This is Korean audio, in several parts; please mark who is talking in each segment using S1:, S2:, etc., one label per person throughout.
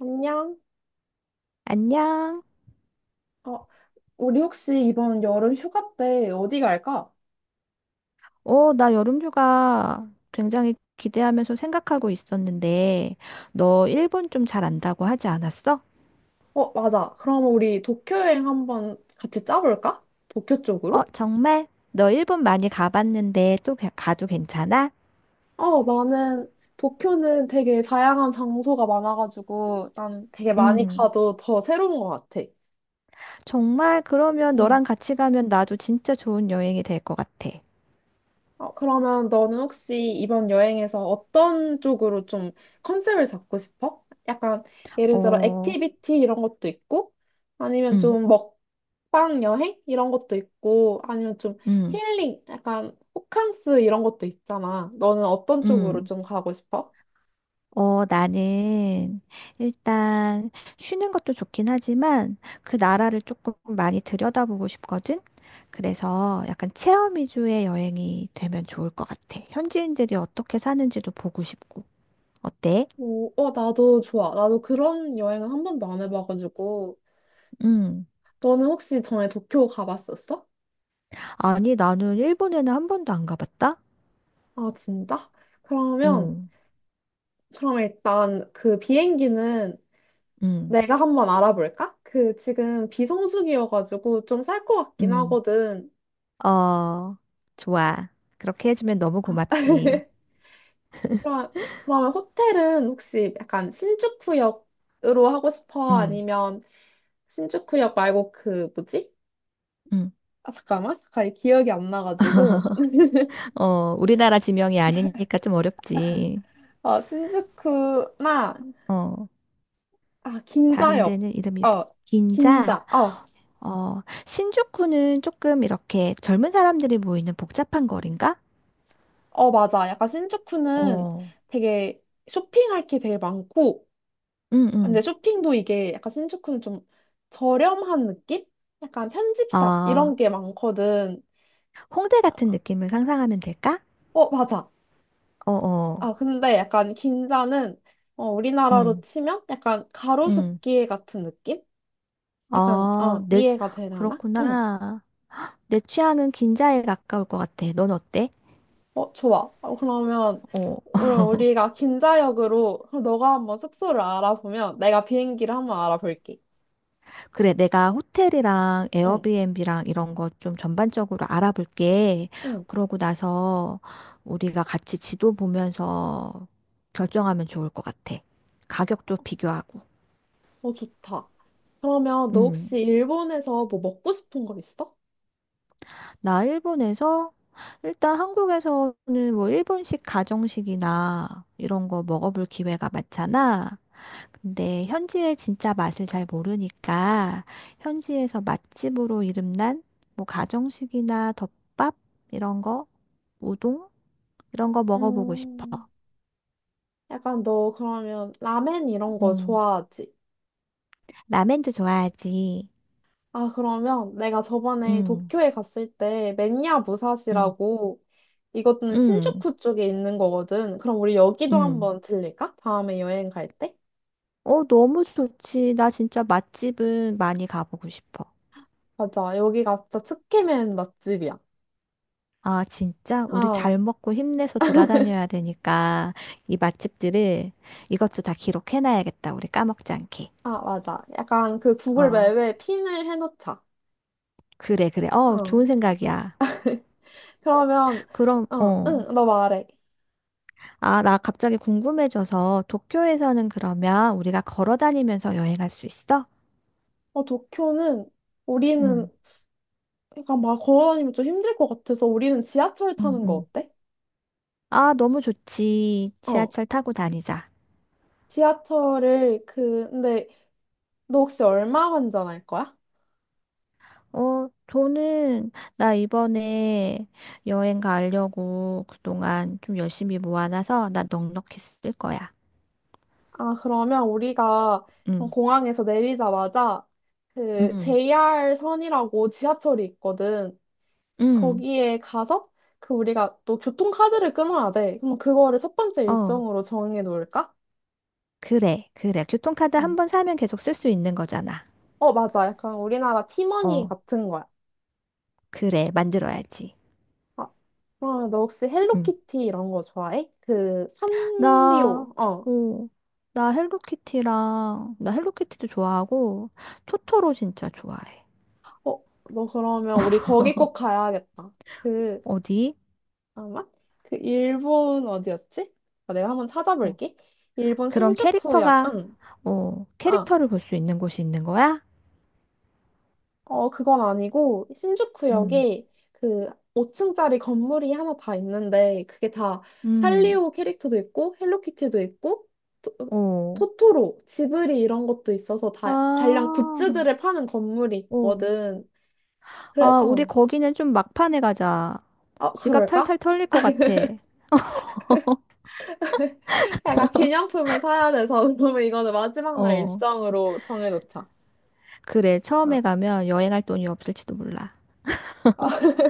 S1: 안녕?
S2: 안녕.
S1: 어, 우리 혹시 이번 여름 휴가 때 어디 갈까?
S2: 어, 나 여름휴가 굉장히 기대하면서 생각하고 있었는데, 너 일본 좀 잘 안다고 하지 않았어?
S1: 어, 맞아. 그럼 우리 도쿄 여행 한번 같이 짜볼까? 도쿄
S2: 어,
S1: 쪽으로?
S2: 정말? 너 일본 많이 가봤는데 가도 괜찮아?
S1: 어, 나는 도쿄는 되게 다양한 장소가 많아가지고 난 되게 많이
S2: 음,
S1: 가도 더 새로운 것 같아.
S2: 정말 그러면
S1: 응.
S2: 너랑 같이 가면 나도 진짜 좋은 여행이 될 것 같아.
S1: 어, 그러면 너는 혹시 이번 여행에서 어떤 쪽으로 좀 컨셉을 잡고 싶어? 약간 예를 들어
S2: 어,
S1: 액티비티 이런 것도 있고 아니면
S2: 음,
S1: 좀 먹방 여행 이런 것도 있고 아니면 좀
S2: 음,
S1: 힐링 약간 호캉스 이런 것도 있잖아. 너는 어떤 쪽으로
S2: 음.
S1: 좀 가고 싶어?
S2: 어, 나는 일단 쉬는 것도 좋긴 하지만 그 나라를 조금 많이 들여다보고 싶거든. 그래서 약간 체험 위주의 여행이 되면 좋을 것 같아. 현지인들이 어떻게 사는지도 보고 싶고. 어때?
S1: 오, 어, 나도 좋아. 나도 그런 여행은 한 번도 안 해봐가지고.
S2: 음.
S1: 너는 혹시 전에 도쿄 가봤었어?
S2: 아니, 나는 일본에는 한 번도 안 가봤다?
S1: 아, 진짜? 그러면,
S2: 응,
S1: 그럼 일단 그 비행기는
S2: 응,
S1: 내가 한번 알아볼까? 그 지금 비성수기여가지고 좀 살 것 같긴
S2: 응.
S1: 하거든.
S2: 어, 좋아. 그렇게 해주면 너무
S1: 아,
S2: 고맙지.
S1: 그럼- 그러면 호텔은 혹시 약간 신주쿠역으로 하고 싶어?
S2: 응,
S1: 아니면 신주쿠역 말고 그 뭐지?
S2: 응.
S1: 아, 잠깐만, 잠깐 기억이 안 나가지고.
S2: 어, 우리나라 지명이 아니니까 좀 어렵지.
S1: 어, 신주쿠나
S2: 어.
S1: 아
S2: 다른
S1: 긴자역.
S2: 데는
S1: 어,
S2: 긴자.
S1: 긴자. 어,
S2: 어, 신주쿠는 조금 이렇게 젊은 사람들이 모이는 복잡한 거리인가?
S1: 어 맞아. 약간 신주쿠는
S2: 어,
S1: 되게 쇼핑할 게 되게 많고.
S2: 응,
S1: 근데
S2: 응.
S1: 쇼핑도 이게 약간 신주쿠는 좀 저렴한 느낌? 약간 편집샵
S2: 어,
S1: 이런 게 많거든.
S2: 홍대 같은 느낌을 상상하면 될까?
S1: 어, 맞아.
S2: 어, 어,
S1: 아, 근데 약간 긴자는 어, 우리나라로
S2: 응,
S1: 치면 약간
S2: 응.
S1: 가로수길 같은 느낌? 약간
S2: 어,
S1: 어,
S2: 내,
S1: 이해가 되려나? 응.
S2: 그렇구나. 내 취향은 긴자에 가까울 것 같아. 넌 어때?
S1: 어, 좋아. 어, 그러면
S2: 어.
S1: 우리가 긴자역으로 그럼 너가 한번 숙소를 알아보면 내가 비행기를 한번 알아볼게.
S2: 그래, 내가 호텔이랑
S1: 응.
S2: 에어비앤비랑 이런 거 좀 전반적으로 알아볼게.
S1: 응.
S2: 그러고 나서 우리가 같이 지도 보면서 결정하면 좋을 것 같아. 가격도 비교하고.
S1: 어, 좋다. 그러면 너
S2: 음.
S1: 혹시 일본에서 뭐 먹고 싶은 거 있어?
S2: 나 일본에서 일단 한국에서는 뭐 일본식 가정식이나 이런 거 먹어볼 기회가 많잖아. 근데 현지의 진짜 맛을 잘 모르니까 현지에서 맛집으로 이름난 뭐 가정식이나 덮밥 이런 거, 우동 이런 거 먹어보고 싶어.
S1: 음, 약간 너 그러면 라멘 이런 거
S2: 음.
S1: 좋아하지?
S2: 라멘도 좋아하지.
S1: 아, 그러면 내가 저번에
S2: 음.
S1: 도쿄에 갔을 때 맨야
S2: 음.
S1: 무사시라고 이것은
S2: 음.
S1: 신주쿠 쪽에 있는 거거든. 그럼 우리 여기도
S2: 음.
S1: 한번 들릴까? 다음에 여행 갈 때?
S2: 어, 너무 좋지. 나 진짜 맛집은 많이 가보고 싶어.
S1: 맞아. 여기가 진짜 츠케멘 맛집이야.
S2: 아, 진짜? 우리
S1: 어,
S2: 잘 먹고 힘내서 돌아다녀야 되니까 이 맛집들을 이것도 다 기록해놔야겠다. 우리 까먹지 않게.
S1: 아, 맞아. 약간 그 구글
S2: 어.
S1: 맵에 핀을 해놓자.
S2: 그래, 그래. 어,
S1: 어.
S2: 좋은 생각이야.
S1: 그러면
S2: 그럼,
S1: 어,
S2: 어.
S1: 응, 너 말해.
S2: 아, 나 갑자기 궁금해져서 도쿄에서는 그러면 우리가 걸어 다니면서 여행할 수 있어?
S1: 어, 도쿄는 우리는
S2: 응,
S1: 그러니까 막 걸어다니면 좀 힘들 것 같아서 우리는 지하철
S2: 응,
S1: 타는 거
S2: 응.
S1: 어때?
S2: 아, 너무 좋지.
S1: 어,
S2: 지하철 타고 다니자.
S1: 지하철을 그 근데 너 혹시 얼마 환전할 거야?
S2: 어, 돈은 나 이번에 여행 가려고 그동안 좀 열심히 모아놔서 나 넉넉히 쓸 거야.
S1: 아, 그러면 우리가
S2: 응,
S1: 공항에서 내리자마자 그
S2: 응,
S1: JR 선이라고 지하철이 있거든.
S2: 응.
S1: 거기에 가서 그 우리가 또 교통카드를 끊어야 돼. 그럼 그거를 첫 번째
S2: 어,
S1: 일정으로 정해 놓을까?
S2: 그래, 그래. 교통카드 한
S1: 응.
S2: 번 사면 계속 쓸 수 있는 거잖아.
S1: 어, 맞아. 약간 우리나라 티머니
S2: 어,
S1: 같은 거야.
S2: 그래. 만들어야지.
S1: 아, 어, 너 혹시
S2: 응.
S1: 헬로키티 이런 거 좋아해? 그,
S2: 나,
S1: 산리오. 어.
S2: 어, 나 헬로키티도 좋아하고, 토토로 진짜 좋아해.
S1: 어, 너 그러면 우리 거기 꼭 가야겠다. 그,
S2: 어디?
S1: 아마? 그, 일본 어디였지? 아, 내가 한번
S2: 어,
S1: 찾아볼게. 일본
S2: 그런
S1: 신주쿠역,
S2: 캐릭터가,
S1: 응.
S2: 어,
S1: 아,
S2: 캐릭터를 볼 수 있는 곳이 있는 거야?
S1: 어, 그건 아니고,
S2: 응,
S1: 신주쿠역에 그 5층짜리 건물이 하나 다 있는데, 그게 다
S2: 응,
S1: 살리오 캐릭터도 있고, 헬로키티도 있고, 토,
S2: 어.
S1: 토토로, 지브리 이런 것도 있어서 다 관련
S2: 아,
S1: 굿즈들을 파는 건물이
S2: 어.
S1: 있거든. 그래,
S2: 아, 우리
S1: 어,
S2: 거기는 좀 막판에 가자.
S1: 어,
S2: 지갑 탈탈
S1: 그럴까?
S2: 털릴 것 같아.
S1: 약간 기념품을 사야 돼서, 그러면 이거는 마지막 날
S2: 어.
S1: 일정으로 정해놓자.
S2: 그래,
S1: 어.
S2: 처음에 가면 여행할 돈이 없을지도 몰라.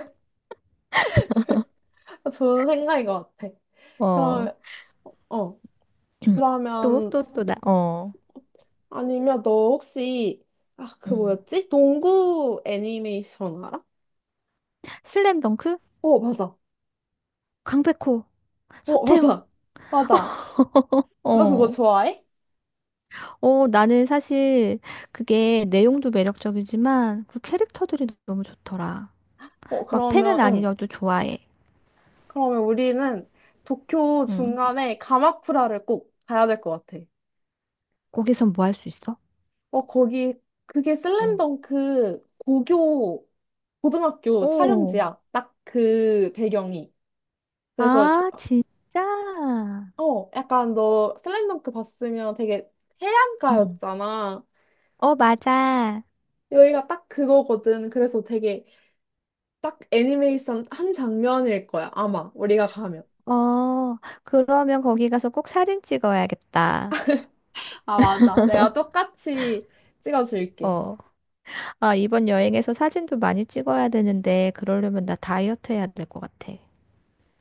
S1: 좋은 생각인 것 같아.
S2: 어.
S1: 그럼, 어, 그러면
S2: 어.
S1: 아니면 너 혹시 아, 그
S2: 음.
S1: 뭐였지? 농구 애니메이션 알아?
S2: 슬램덩크?
S1: 어, 맞아.
S2: 강백호,
S1: 어,
S2: 서태웅.
S1: 맞아. 맞아. 너 그거
S2: 어,
S1: 좋아해?
S2: 어, 나는 사실 그게 내용도 매력적이지만 그 캐릭터들이 너무 좋더라.
S1: 어,
S2: 막
S1: 그러면
S2: 팬은
S1: 응.
S2: 아니어도 좋아해.
S1: 그러면 우리는 도쿄
S2: 응.
S1: 중간에 가마쿠라를 꼭 가야 될 것 같아.
S2: 거기선 뭐 할 수 있어?
S1: 어, 거기 그게
S2: 어.
S1: 슬램덩크 고교 고등학교
S2: 오.
S1: 촬영지야. 딱 그 배경이. 그래서 그,
S2: 아, 진짜?
S1: 어, 약간 너 슬램덩크 봤으면 되게
S2: 응.
S1: 해안가였잖아.
S2: 어, 맞아.
S1: 여기가 딱 그거거든. 그래서 되게 딱 애니메이션 한 장면일 거야. 아마 우리가 가면.
S2: 어, 그러면 거기 가서 꼭 사진 찍어야겠다.
S1: 아, 맞아. 내가 똑같이 찍어줄게.
S2: 어. 아, 이번 여행에서 사진도 많이 찍어야 되는데, 그러려면 나 다이어트 해야 될 것 같아.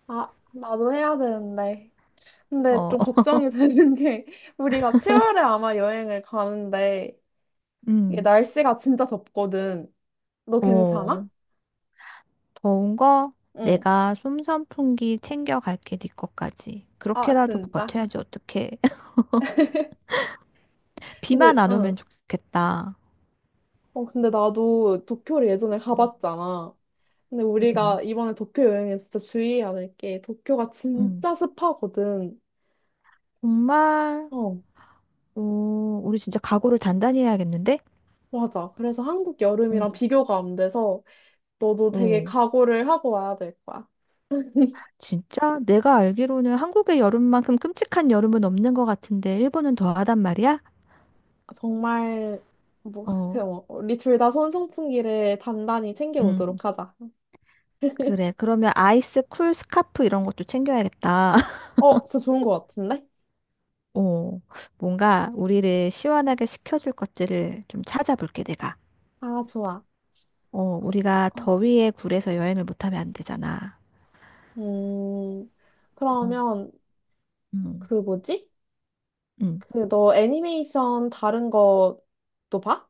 S1: 아, 나도 해야 되는데. 근데
S2: 어.
S1: 좀 걱정이 되는 게 우리가 7월에 아마 여행을 가는데 이게
S2: 음.
S1: 날씨가 진짜 덥거든. 너
S2: 어,
S1: 괜찮아?
S2: 더운 거
S1: 응.
S2: 내가 솜선풍기 챙겨갈게, 네 것까지.
S1: 아,
S2: 그렇게라도
S1: 진짜.
S2: 버텨야지, 어떡해.
S1: 근데,
S2: 비만 안
S1: 응.
S2: 오면 좋겠다.
S1: 어, 근데 나도 도쿄를 예전에
S2: 음.
S1: 가봤잖아. 근데
S2: 응,
S1: 우리가 이번에 도쿄 여행에 진짜 주의해야 될 게 도쿄가
S2: 응.
S1: 진짜 습하거든.
S2: 정말,
S1: 어,
S2: 어, 우리 진짜 각오를 단단히 해야겠는데?
S1: 맞아. 그래서 한국
S2: 음.
S1: 여름이랑 비교가 안 돼서 너도 되게
S2: 어,
S1: 각오를 하고 와야 될 거야.
S2: 진짜? 내가 알기로는 한국의 여름만큼 끔찍한 여름은 없는 것 같은데, 일본은 더하단 말이야?
S1: 아, 정말 뭐
S2: 어,
S1: 그냥 뭐 우리 둘 다 손선풍기를 단단히
S2: 응.
S1: 챙겨오도록 하자.
S2: 그래. 그러면 아이스 쿨 스카프 이런 것도 챙겨야겠다.
S1: 어, 진짜 좋은 거 같은데?
S2: 어, 뭔가 우리를 시원하게 식혀줄 것들을 좀 찾아볼게, 내가.
S1: 아, 좋아.
S2: 어,
S1: 그-
S2: 우리가
S1: 어,
S2: 더위에 굴해서 여행을 못하면 안 되잖아.
S1: 음,
S2: 어,
S1: 그러면
S2: 음,
S1: 그 뭐지?
S2: 음.
S1: 그 너 애니메이션 다른 것도 봐?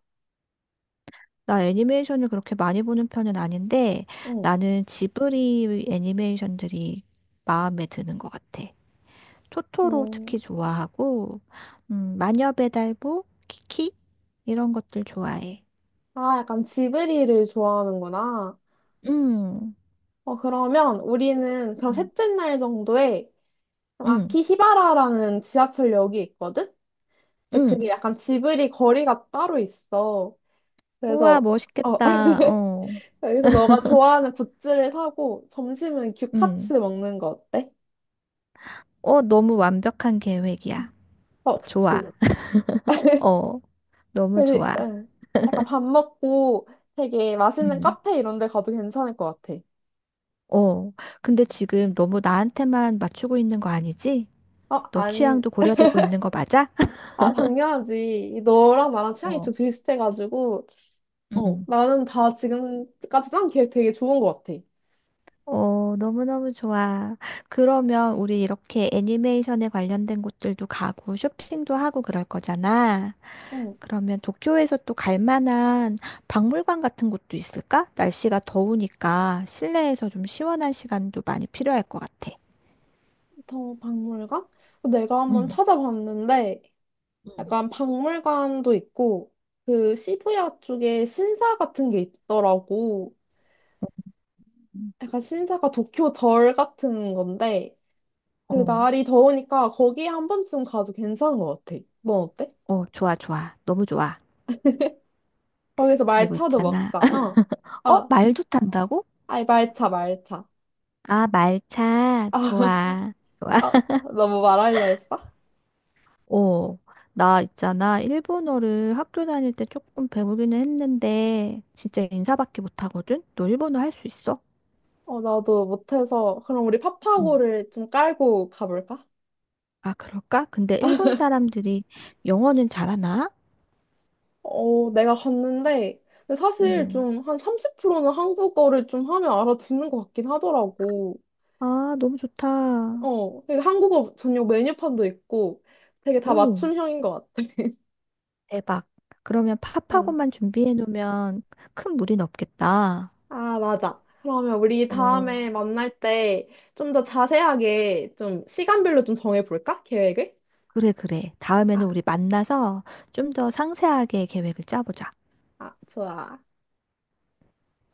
S2: 나 애니메이션을 그렇게 많이 보는 편은 아닌데
S1: 응.
S2: 나는 지브리 애니메이션들이 마음에 드는 것 같아. 토토로 특히
S1: 음.
S2: 좋아하고, 마녀 배달보, 키키 이런 것들 좋아해.
S1: 아, 약간 지브리를 좋아하는구나.
S2: 음,
S1: 어, 그러면 우리는 그럼
S2: 음,
S1: 셋째 날 정도에 그럼
S2: 음,
S1: 아키히바라라는 지하철역이 있거든? 이제 그게
S2: 음.
S1: 약간 지브리 거리가 따로 있어.
S2: 우와,
S1: 그래서, 어,
S2: 멋있겠다. 어,
S1: 여기서 너가 좋아하는 굿즈를 사고 점심은 규카츠
S2: 음.
S1: 먹는 거 어때?
S2: 어, 너무 완벽한 계획이야.
S1: 어,
S2: 좋아.
S1: 그치.
S2: 어, 너무 좋아.
S1: 응. 약간 밥 먹고 되게 맛있는
S2: 음.
S1: 카페 이런 데 가도 괜찮을 것 같아.
S2: 어, 근데 지금 너무 나한테만 맞추고 있는 거 아니지?
S1: 어,
S2: 너
S1: 아니,
S2: 취향도 고려되고 있는 거 맞아?
S1: 아, 당연하지. 너랑 나랑 취향이
S2: 어,
S1: 좀 비슷해가지고. 어,
S2: 음.
S1: 나는 다 지금까지 짠 계획 되게 좋은 것 같아.
S2: 어, 너무너무 좋아. 그러면 우리 이렇게 애니메이션에 관련된 곳들도 가고 쇼핑도 하고 그럴 거잖아.
S1: 어,
S2: 그러면 도쿄에서 또 갈 만한 박물관 같은 곳도 있을까? 날씨가 더우니까 실내에서 좀 시원한 시간도 많이 필요할 것 같아.
S1: 더 박물관? 내가 한번
S2: 음.
S1: 찾아봤는데,
S2: 응.
S1: 약간 박물관도 있고, 그 시부야 쪽에 신사 같은 게 있더라고. 약간 신사가 도쿄 절 같은 건데, 그
S2: 어,
S1: 날이 더우니까 거기에 한 번쯤 가도 괜찮은 것 같아. 넌 어때?
S2: 어, 좋아, 좋아. 너무 좋아.
S1: 거기서
S2: 그리고
S1: 말차도
S2: 있잖아.
S1: 먹자. 어.
S2: 어,
S1: 아,
S2: 말도 탄다고?
S1: 아이, 말차, 말차.
S2: 아, 말차.
S1: 아,
S2: 좋아. 좋아.
S1: 아, 너뭐 말하려 했어?
S2: 어, 나 있잖아. 일본어를 학교 다닐 때 조금 배우기는 했는데, 진짜 인사밖에 못하거든? 너 일본어 할 수 있어?
S1: 어, 나도 못해서. 그럼 우리
S2: 응.
S1: 파파고를 좀 깔고 가볼까?
S2: 아, 그럴까? 근데 일본 사람들이 영어는 잘하나?
S1: 어, 내가 갔는데, 근데 사실
S2: 응.
S1: 좀 한 30%는 한국어를 좀 하면 알아듣는 것 같긴 하더라고.
S2: 아, 너무 좋다.
S1: 어, 되게 한국어 전용 메뉴판도 있고, 되게 다
S2: 오,
S1: 맞춤형인 것 같아.
S2: 대박. 그러면
S1: 응.
S2: 팝하고만 준비해 놓으면 큰 무리는 없겠다.
S1: 아, 맞아. 그러면 우리
S2: 어,
S1: 다음에 만날 때 좀 더 자세하게 좀 시간별로 좀 정해볼까? 계획을?
S2: 그래, 그래.
S1: 아,
S2: 다음에는 우리 만나서 좀 더 상세하게 계획을 짜보자.
S1: 아, 좋아.